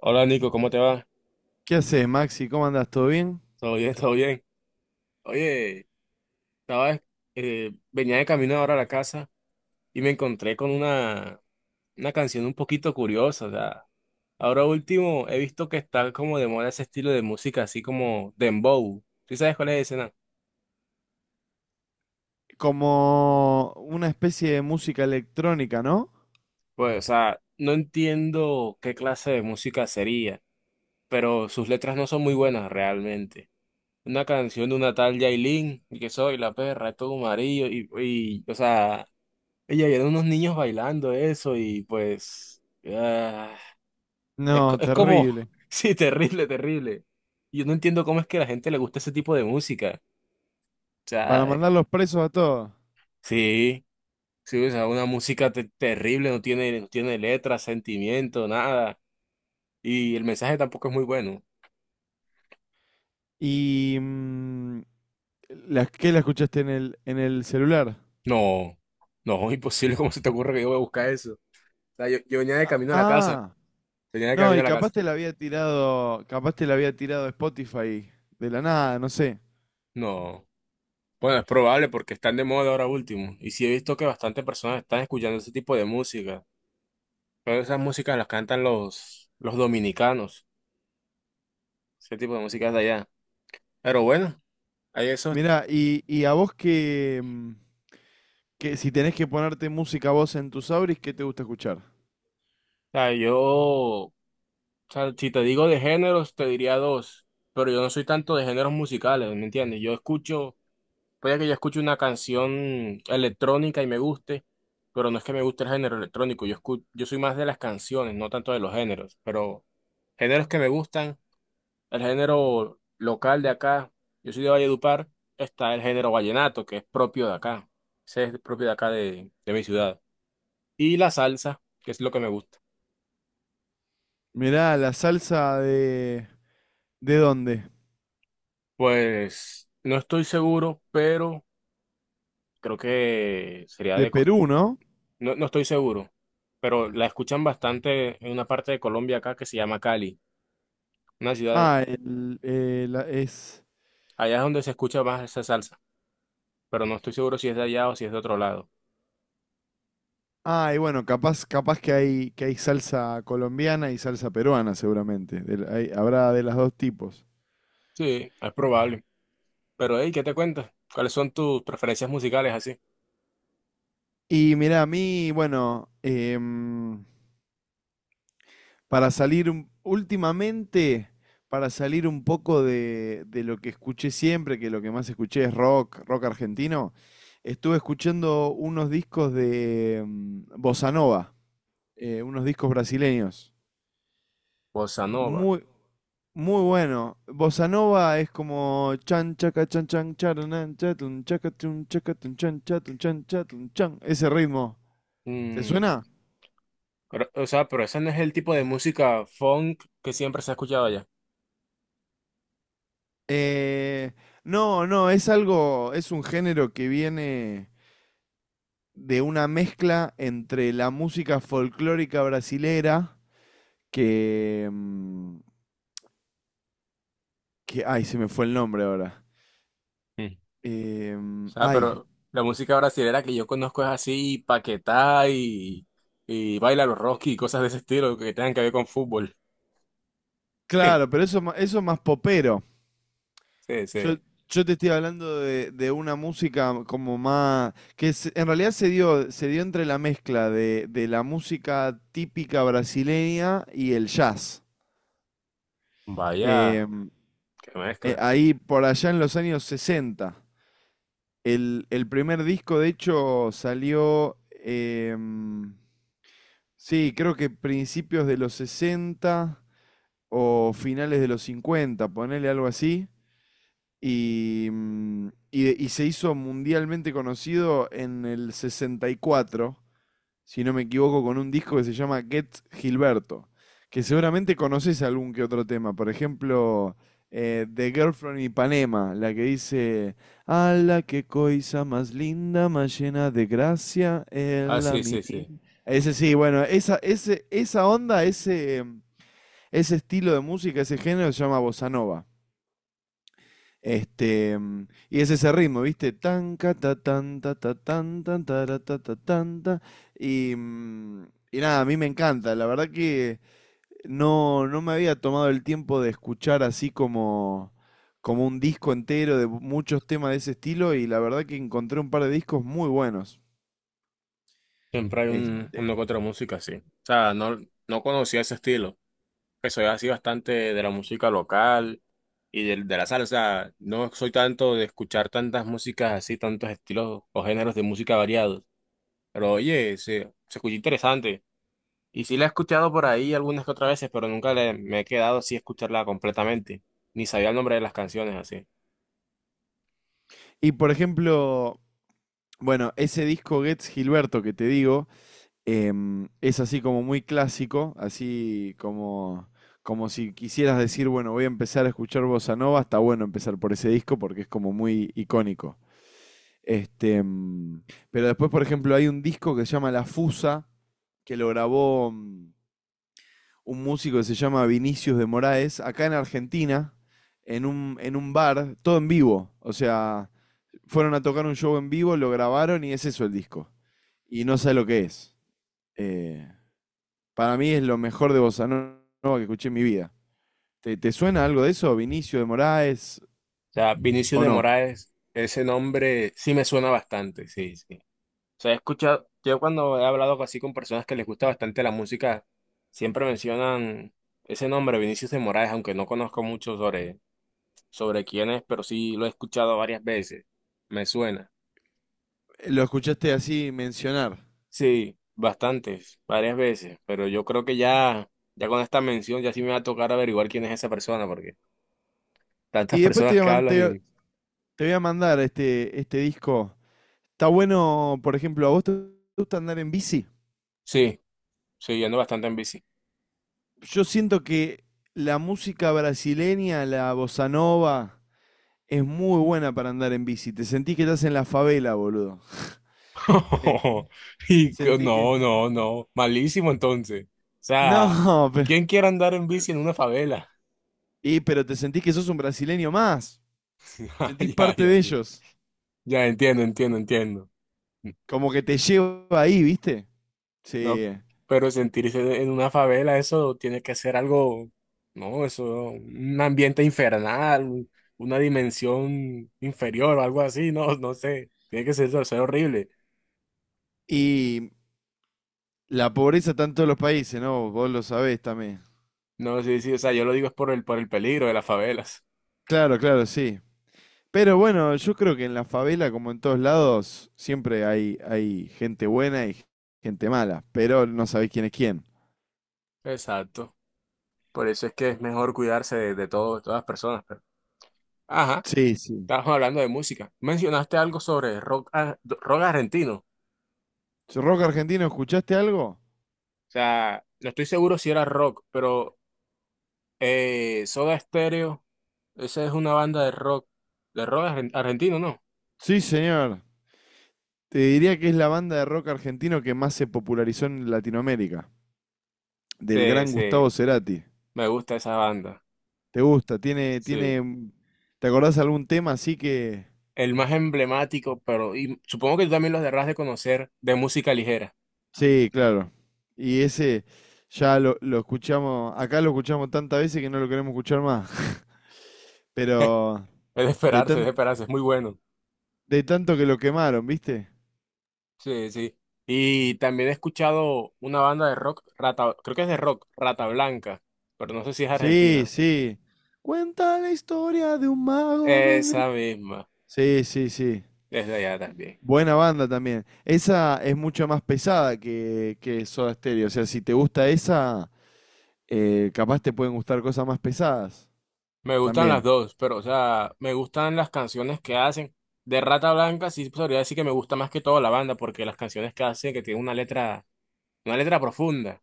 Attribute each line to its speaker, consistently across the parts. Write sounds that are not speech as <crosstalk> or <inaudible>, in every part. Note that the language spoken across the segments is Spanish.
Speaker 1: Hola Nico, ¿cómo te va?
Speaker 2: ¿Qué haces, Maxi? ¿Cómo andás? ¿Todo bien?
Speaker 1: ¿Todo bien? ¿Todo bien? Oye, estaba, venía de camino ahora a la casa y me encontré con una canción un poquito curiosa. O sea, ahora último he visto que está como de moda ese estilo de música, así como dembow. ¿Sí sabes cuál es ese, no?
Speaker 2: Como una especie de música electrónica, ¿no?
Speaker 1: Pues, o sea, no entiendo qué clase de música sería, pero sus letras no son muy buenas realmente. Una canción de una tal Yailin, y que soy la perra, es todo amarillo, y o sea, y ahí eran unos niños bailando eso y pues ah,
Speaker 2: No,
Speaker 1: es como,
Speaker 2: terrible.
Speaker 1: <laughs> sí, terrible, terrible. Yo no entiendo cómo es que a la gente le gusta ese tipo de música. O
Speaker 2: Para
Speaker 1: sea,
Speaker 2: mandarlos presos a todos.
Speaker 1: sí, sí, o sea, una música terrible, no tiene letra, sentimiento, nada. Y el mensaje tampoco es muy bueno.
Speaker 2: ¿Y qué la escuchaste en el celular?
Speaker 1: No, no, <laughs> imposible, ¿cómo se te ocurre que yo voy a buscar eso? O sea, yo venía de
Speaker 2: Ah,
Speaker 1: camino a la casa,
Speaker 2: ah.
Speaker 1: venía de
Speaker 2: No,
Speaker 1: camino a
Speaker 2: y
Speaker 1: la
Speaker 2: capaz
Speaker 1: casa.
Speaker 2: te la había tirado, capaz te la había tirado Spotify de la nada, no sé.
Speaker 1: No. Bueno, es
Speaker 2: Y-
Speaker 1: probable porque están de moda ahora último. Y sí he visto que bastantes personas están escuchando ese tipo de música. Pero esas músicas las cantan los dominicanos. Ese tipo de músicas de allá. Pero bueno, hay eso. O
Speaker 2: Mirá, y a vos que si tenés que ponerte música vos en tus auris, ¿qué te gusta escuchar?
Speaker 1: sea, si te digo de géneros, te diría dos. Pero yo no soy tanto de géneros musicales, ¿me entiendes? Yo escucho, puede que yo escuche una canción electrónica y me guste, pero no es que me guste el género electrónico. Yo soy más de las canciones, no tanto de los géneros. Pero géneros que me gustan. El género local de acá, yo soy de Valledupar, está el género vallenato, que es propio de acá. Ese es propio de acá de mi ciudad. Y la salsa, que es lo que me gusta.
Speaker 2: Mirá, la salsa de... ¿De dónde?
Speaker 1: Pues no estoy seguro, pero creo que sería
Speaker 2: De
Speaker 1: de Costa.
Speaker 2: Perú, ¿no?
Speaker 1: No, no estoy seguro, pero la escuchan bastante en una parte de Colombia acá que se llama Cali, una ciudad,
Speaker 2: Ah, el, la- es.
Speaker 1: allá es donde se escucha más esa salsa, pero no estoy seguro si es de allá o si es de otro lado.
Speaker 2: Ah, y bueno, capaz que que hay salsa colombiana y salsa peruana, seguramente. Habrá de los dos tipos.
Speaker 1: Sí, es probable. Pero, hey, ¿qué te cuentas? ¿Cuáles son tus preferencias musicales así?
Speaker 2: Y mirá, a mí, últimamente, para salir un poco de lo que escuché siempre, que lo que más escuché es rock argentino. Estuve escuchando unos discos de Bossa Nova, unos discos brasileños.
Speaker 1: Bossa nova.
Speaker 2: Muy, Muy bueno. Bossa nova es como chan chaca chan chan charanan chatun chaca chun chaca tun chan chatun chan chatun chan. Ese ritmo. ¿Te
Speaker 1: Mm,
Speaker 2: suena?
Speaker 1: pero, o sea, pero ese no es el tipo de música funk que siempre se ha escuchado allá.
Speaker 2: Eh, no, no, es algo, es un género que viene de una mezcla entre la música folclórica brasilera que, mm, que ay, se me fue el nombre ahora.
Speaker 1: Mm. O sea,
Speaker 2: Ay,
Speaker 1: pero la música brasilera que yo conozco es así, Paquetá y Baila los Rocky y cosas de ese estilo que tengan que ver con fútbol.
Speaker 2: claro,
Speaker 1: <laughs>
Speaker 2: pero eso, eso es más popero.
Speaker 1: Sí,
Speaker 2: Yo,
Speaker 1: sí.
Speaker 2: yo te estoy hablando de una música como más, en realidad se dio entre la mezcla de la música típica brasileña y el jazz.
Speaker 1: Vaya,
Speaker 2: Em,
Speaker 1: qué mezcla.
Speaker 2: Ahí por allá en los años sesenta. El primer disco, de hecho, salió, sí, creo que principios de los 60 o finales de los cincuenta, ponele algo así. Y se hizo mundialmente conocido en el 64, si no me equivoco, con un disco que se llama Get Gilberto, que seguramente conoces algún que otro tema. Por ejemplo, The Girl from Ipanema, la que dice, "a la que coisa más linda, más llena de gracia, es
Speaker 1: Ah,
Speaker 2: la
Speaker 1: sí,
Speaker 2: mi-".
Speaker 1: sí, sí.
Speaker 2: Ese sí, bueno, esa onda, ese estilo de música, ese género se llama bossa nova. Y es ese ritmo, ¿viste? Tan, ca, ta, tan, ta, ta, tan, tan, tara, ta, ta, tan, ta. Y, mm, y nada, a mí me encanta. La verdad que no, no me había tomado el tiempo de escuchar así como, como un disco entero de muchos temas de ese estilo, y la verdad que encontré un par de discos muy buenos.
Speaker 1: Siempre hay
Speaker 2: Este,
Speaker 1: uno que otro música así. O sea, no, no conocía ese estilo. Que soy así bastante de la música local. Y de la sala. O sea, no soy tanto de escuchar tantas músicas así, tantos estilos o géneros de música variados. Pero oye, se escucha interesante. Y sí la he escuchado por ahí algunas que otras veces, pero nunca me he quedado así a escucharla completamente. Ni sabía el nombre de las canciones así. O
Speaker 2: y por ejemplo, bueno, ese disco Gets Gilberto que te digo, es así como muy clásico, así como, como si quisieras decir, bueno, voy a empezar a escuchar bossa nova, está bueno empezar por ese disco porque es como muy icónico. Este, mm, pero después, por ejemplo, hay un disco que se llama La Fusa, que lo grabó un músico que se llama Vinicius de Moraes, acá en Argentina, en un bar, todo en vivo. O sea, fueron a tocar un show en vivo, lo grabaron y es eso el disco. Y no sé lo que es. Eh, para mí es lo mejor de Bossa Nova que escuché en mi vida. Te suena algo de eso, Vinicio de Moraes,
Speaker 1: sea, Vinicius
Speaker 2: o
Speaker 1: de
Speaker 2: no?
Speaker 1: Moraes, ese nombre sí me suena bastante, sí, sí. O sea, he escuchado, yo cuando he hablado así con personas que les gusta bastante la música, siempre mencionan ese nombre, Vinicius de Moraes, aunque no conozco mucho sobre sobre quién es, pero sí lo he escuchado varias veces. Me suena.
Speaker 2: Lo escuchaste así mencionar.
Speaker 1: Sí, bastantes, varias veces, pero yo creo que ya, ya con esta mención ya sí me va a tocar averiguar quién es esa persona, porque tantas
Speaker 2: Y después te
Speaker 1: personas
Speaker 2: voy a,
Speaker 1: que
Speaker 2: man-
Speaker 1: hablan
Speaker 2: te-
Speaker 1: y...
Speaker 2: te voy a mandar este disco. Está bueno. Por ejemplo, ¿a vos te gusta andar en bici?
Speaker 1: Sí, sí, yo ando bastante en bici.
Speaker 2: Yo siento que la música brasileña, la bossa nova, es muy buena para andar en bici. Te sentís que estás en la favela, boludo. Eh,
Speaker 1: <laughs> Y co-
Speaker 2: Sentís que...
Speaker 1: no, no, no, malísimo entonces. O sea,
Speaker 2: No, <laughs>
Speaker 1: ¿quién quiere andar en bici en una favela?
Speaker 2: y, pero te sentís que sos un brasileño más.
Speaker 1: <laughs>
Speaker 2: Sentís
Speaker 1: Ya,
Speaker 2: parte
Speaker 1: ya,
Speaker 2: de
Speaker 1: ya.
Speaker 2: ellos.
Speaker 1: Ya entiendo, entiendo, entiendo.
Speaker 2: Como que te lleva ahí, ¿viste?
Speaker 1: No,
Speaker 2: Sí.
Speaker 1: pero sentirse en una favela, eso tiene que ser algo, no, eso, un ambiente infernal, una dimensión inferior o algo así, no, no sé, tiene que ser horrible.
Speaker 2: Y la pobreza está en todos los países, ¿no? Vos lo sabés también.
Speaker 1: No, sí, sí, o sea, yo lo digo es por por el peligro de las favelas.
Speaker 2: Claro, claro, sí. Pero bueno, yo creo que en la favela, como en todos lados, siempre hay, hay gente buena y gente mala. Pero no sabés quién es quién.
Speaker 1: Exacto. Por eso es que es mejor cuidarse de de todas las personas. Pero... Ajá,
Speaker 2: Sí, sí.
Speaker 1: estábamos hablando de música. Mencionaste algo sobre rock, ah, rock argentino. O
Speaker 2: ¿Rock argentino, escuchaste algo?
Speaker 1: sea, no estoy seguro si era rock, pero Soda Stereo, esa es una banda de rock, de argentino, ¿no?
Speaker 2: Sí, señor. Te diría que es la banda de rock argentino que más se popularizó en Latinoamérica. Del
Speaker 1: Sí,
Speaker 2: gran Gustavo
Speaker 1: sí,
Speaker 2: Cerati.
Speaker 1: me gusta esa banda.
Speaker 2: ¿Te gusta?
Speaker 1: Sí.
Speaker 2: Te acordás algún tema así que...
Speaker 1: El más emblemático, pero y supongo que tú también lo deberás de conocer, de música ligera.
Speaker 2: Sí, claro. Y ese ya lo escuchamos, acá lo escuchamos tantas veces que no lo queremos escuchar más. <laughs>
Speaker 1: <laughs> Es
Speaker 2: Pero
Speaker 1: de
Speaker 2: de
Speaker 1: esperarse, es de
Speaker 2: tan,
Speaker 1: esperarse, es muy bueno.
Speaker 2: de tanto que lo quemaron, ¿viste?
Speaker 1: Sí, sí. Y también he escuchado una banda de rock, Rata, creo que es de rock, Rata Blanca, pero no sé si es
Speaker 2: Sí,
Speaker 1: argentina.
Speaker 2: sí. Cuenta la historia de un mago con...
Speaker 1: Esa misma,
Speaker 2: Sí, sí, sí.
Speaker 1: es de allá también.
Speaker 2: Buena banda también. Esa es mucho más pesada que Soda Stereo. O sea, si te gusta esa, capaz te pueden gustar cosas más pesadas
Speaker 1: Me gustan las
Speaker 2: también.
Speaker 1: dos, pero o sea, me gustan las canciones que hacen. De Rata Blanca sí podría decir que me gusta más que todo la banda, porque las canciones que hacen que tienen una letra profunda.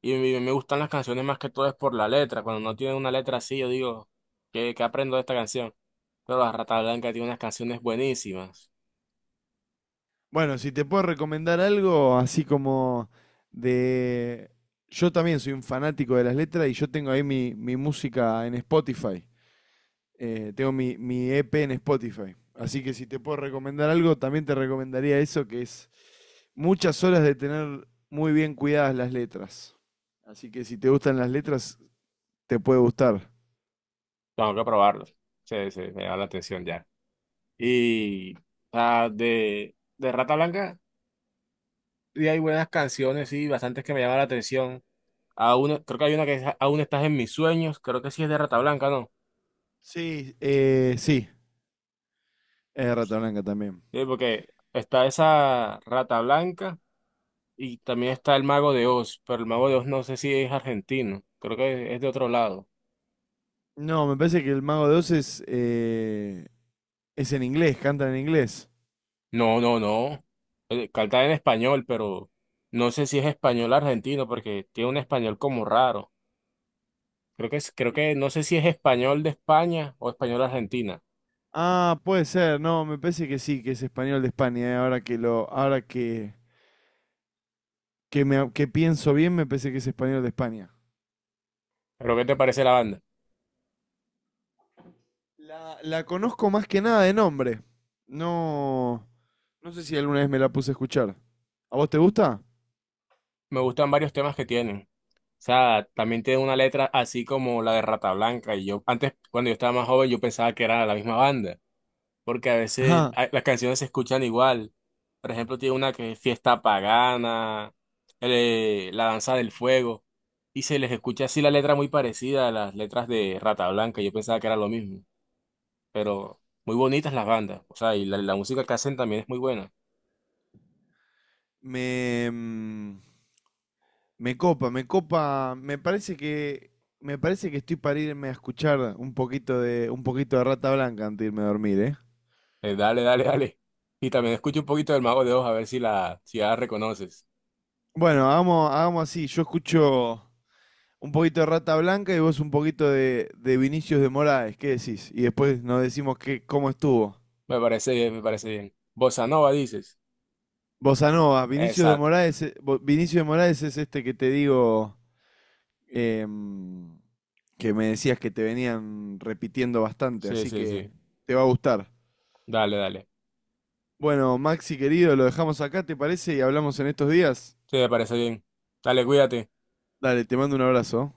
Speaker 1: Y me gustan las canciones más que todo es por la letra. Cuando no tienen una letra así, yo digo, qué aprendo de esta canción? Pero la Rata Blanca tiene unas canciones buenísimas.
Speaker 2: Bueno, si te puedo recomendar algo, así como de... Yo también soy un fanático de las letras, y yo tengo ahí mi música en Spotify. Tengo mi EP en Spotify. Así que si te puedo recomendar algo, también te recomendaría eso, que es muchas horas de tener muy bien cuidadas las letras. Así que si te gustan las letras, te puede gustar.
Speaker 1: Tengo que probarlas. Se me da la atención ya. Y o sea, de Rata Blanca sí hay buenas canciones, sí, bastantes que me llaman la atención. Creo que hay una que es Aún estás en mis sueños, creo que sí es de Rata Blanca, ¿no?
Speaker 2: Sí, es de Rata Blanca también.
Speaker 1: Sí, porque está esa Rata Blanca y también está el Mago de Oz, pero el Mago de Oz no sé si es argentino, creo que es de otro lado.
Speaker 2: No, me parece que el Mago de Oz es en inglés, cantan en inglés.
Speaker 1: No, no, no. Canta en español, pero no sé si es español argentino porque tiene un español como raro. Creo que es, creo que no sé si es español de España o español argentina.
Speaker 2: Ah, puede ser, no, me parece que sí, que es español de España. Ahora que lo, ahora que me, que pienso bien, me parece que es español de España.
Speaker 1: Pero ¿qué te parece la banda?
Speaker 2: La conozco más que nada de nombre. No, no sé si alguna vez me la puse a escuchar. ¿A vos te gusta?
Speaker 1: Me gustan varios temas que tienen. O sea, también tiene una letra así como la de Rata Blanca. Y yo, antes, cuando yo estaba más joven, yo pensaba que era la misma banda. Porque a veces
Speaker 2: Ajá.
Speaker 1: las canciones se escuchan igual. Por ejemplo, tiene una que es Fiesta Pagana, La Danza del Fuego. Y se les escucha así la letra muy parecida a las letras de Rata Blanca. Yo pensaba que era lo mismo. Pero muy bonitas las bandas. O sea, y la música que hacen también es muy buena.
Speaker 2: Me, mm, Me copa, me parece me parece que estoy para irme a escuchar un poquito de Rata Blanca antes de irme a dormir, ¿eh?
Speaker 1: Dale, dale, dale. Y también escucha un poquito del Mago de Oz a ver si si ya la reconoces.
Speaker 2: Bueno, hagamos así, yo escucho un poquito de Rata Blanca y vos un poquito de Vinicius de Moraes, ¿qué decís? Y después nos decimos cómo estuvo.
Speaker 1: Me parece bien, me parece bien. Bossa Nova dices.
Speaker 2: Bossa Nova, Vinicius de
Speaker 1: Exacto.
Speaker 2: Moraes, Vinicius de Moraes es este que te digo, em, que me decías que te venían repitiendo bastante,
Speaker 1: Sí,
Speaker 2: así
Speaker 1: sí,
Speaker 2: que
Speaker 1: sí.
Speaker 2: te va a gustar.
Speaker 1: Dale, dale.
Speaker 2: Bueno, Maxi querido, lo dejamos acá, ¿te parece? Y hablamos en estos días.
Speaker 1: Sí, me parece bien. Dale, cuídate.
Speaker 2: Dale, te mando un abrazo.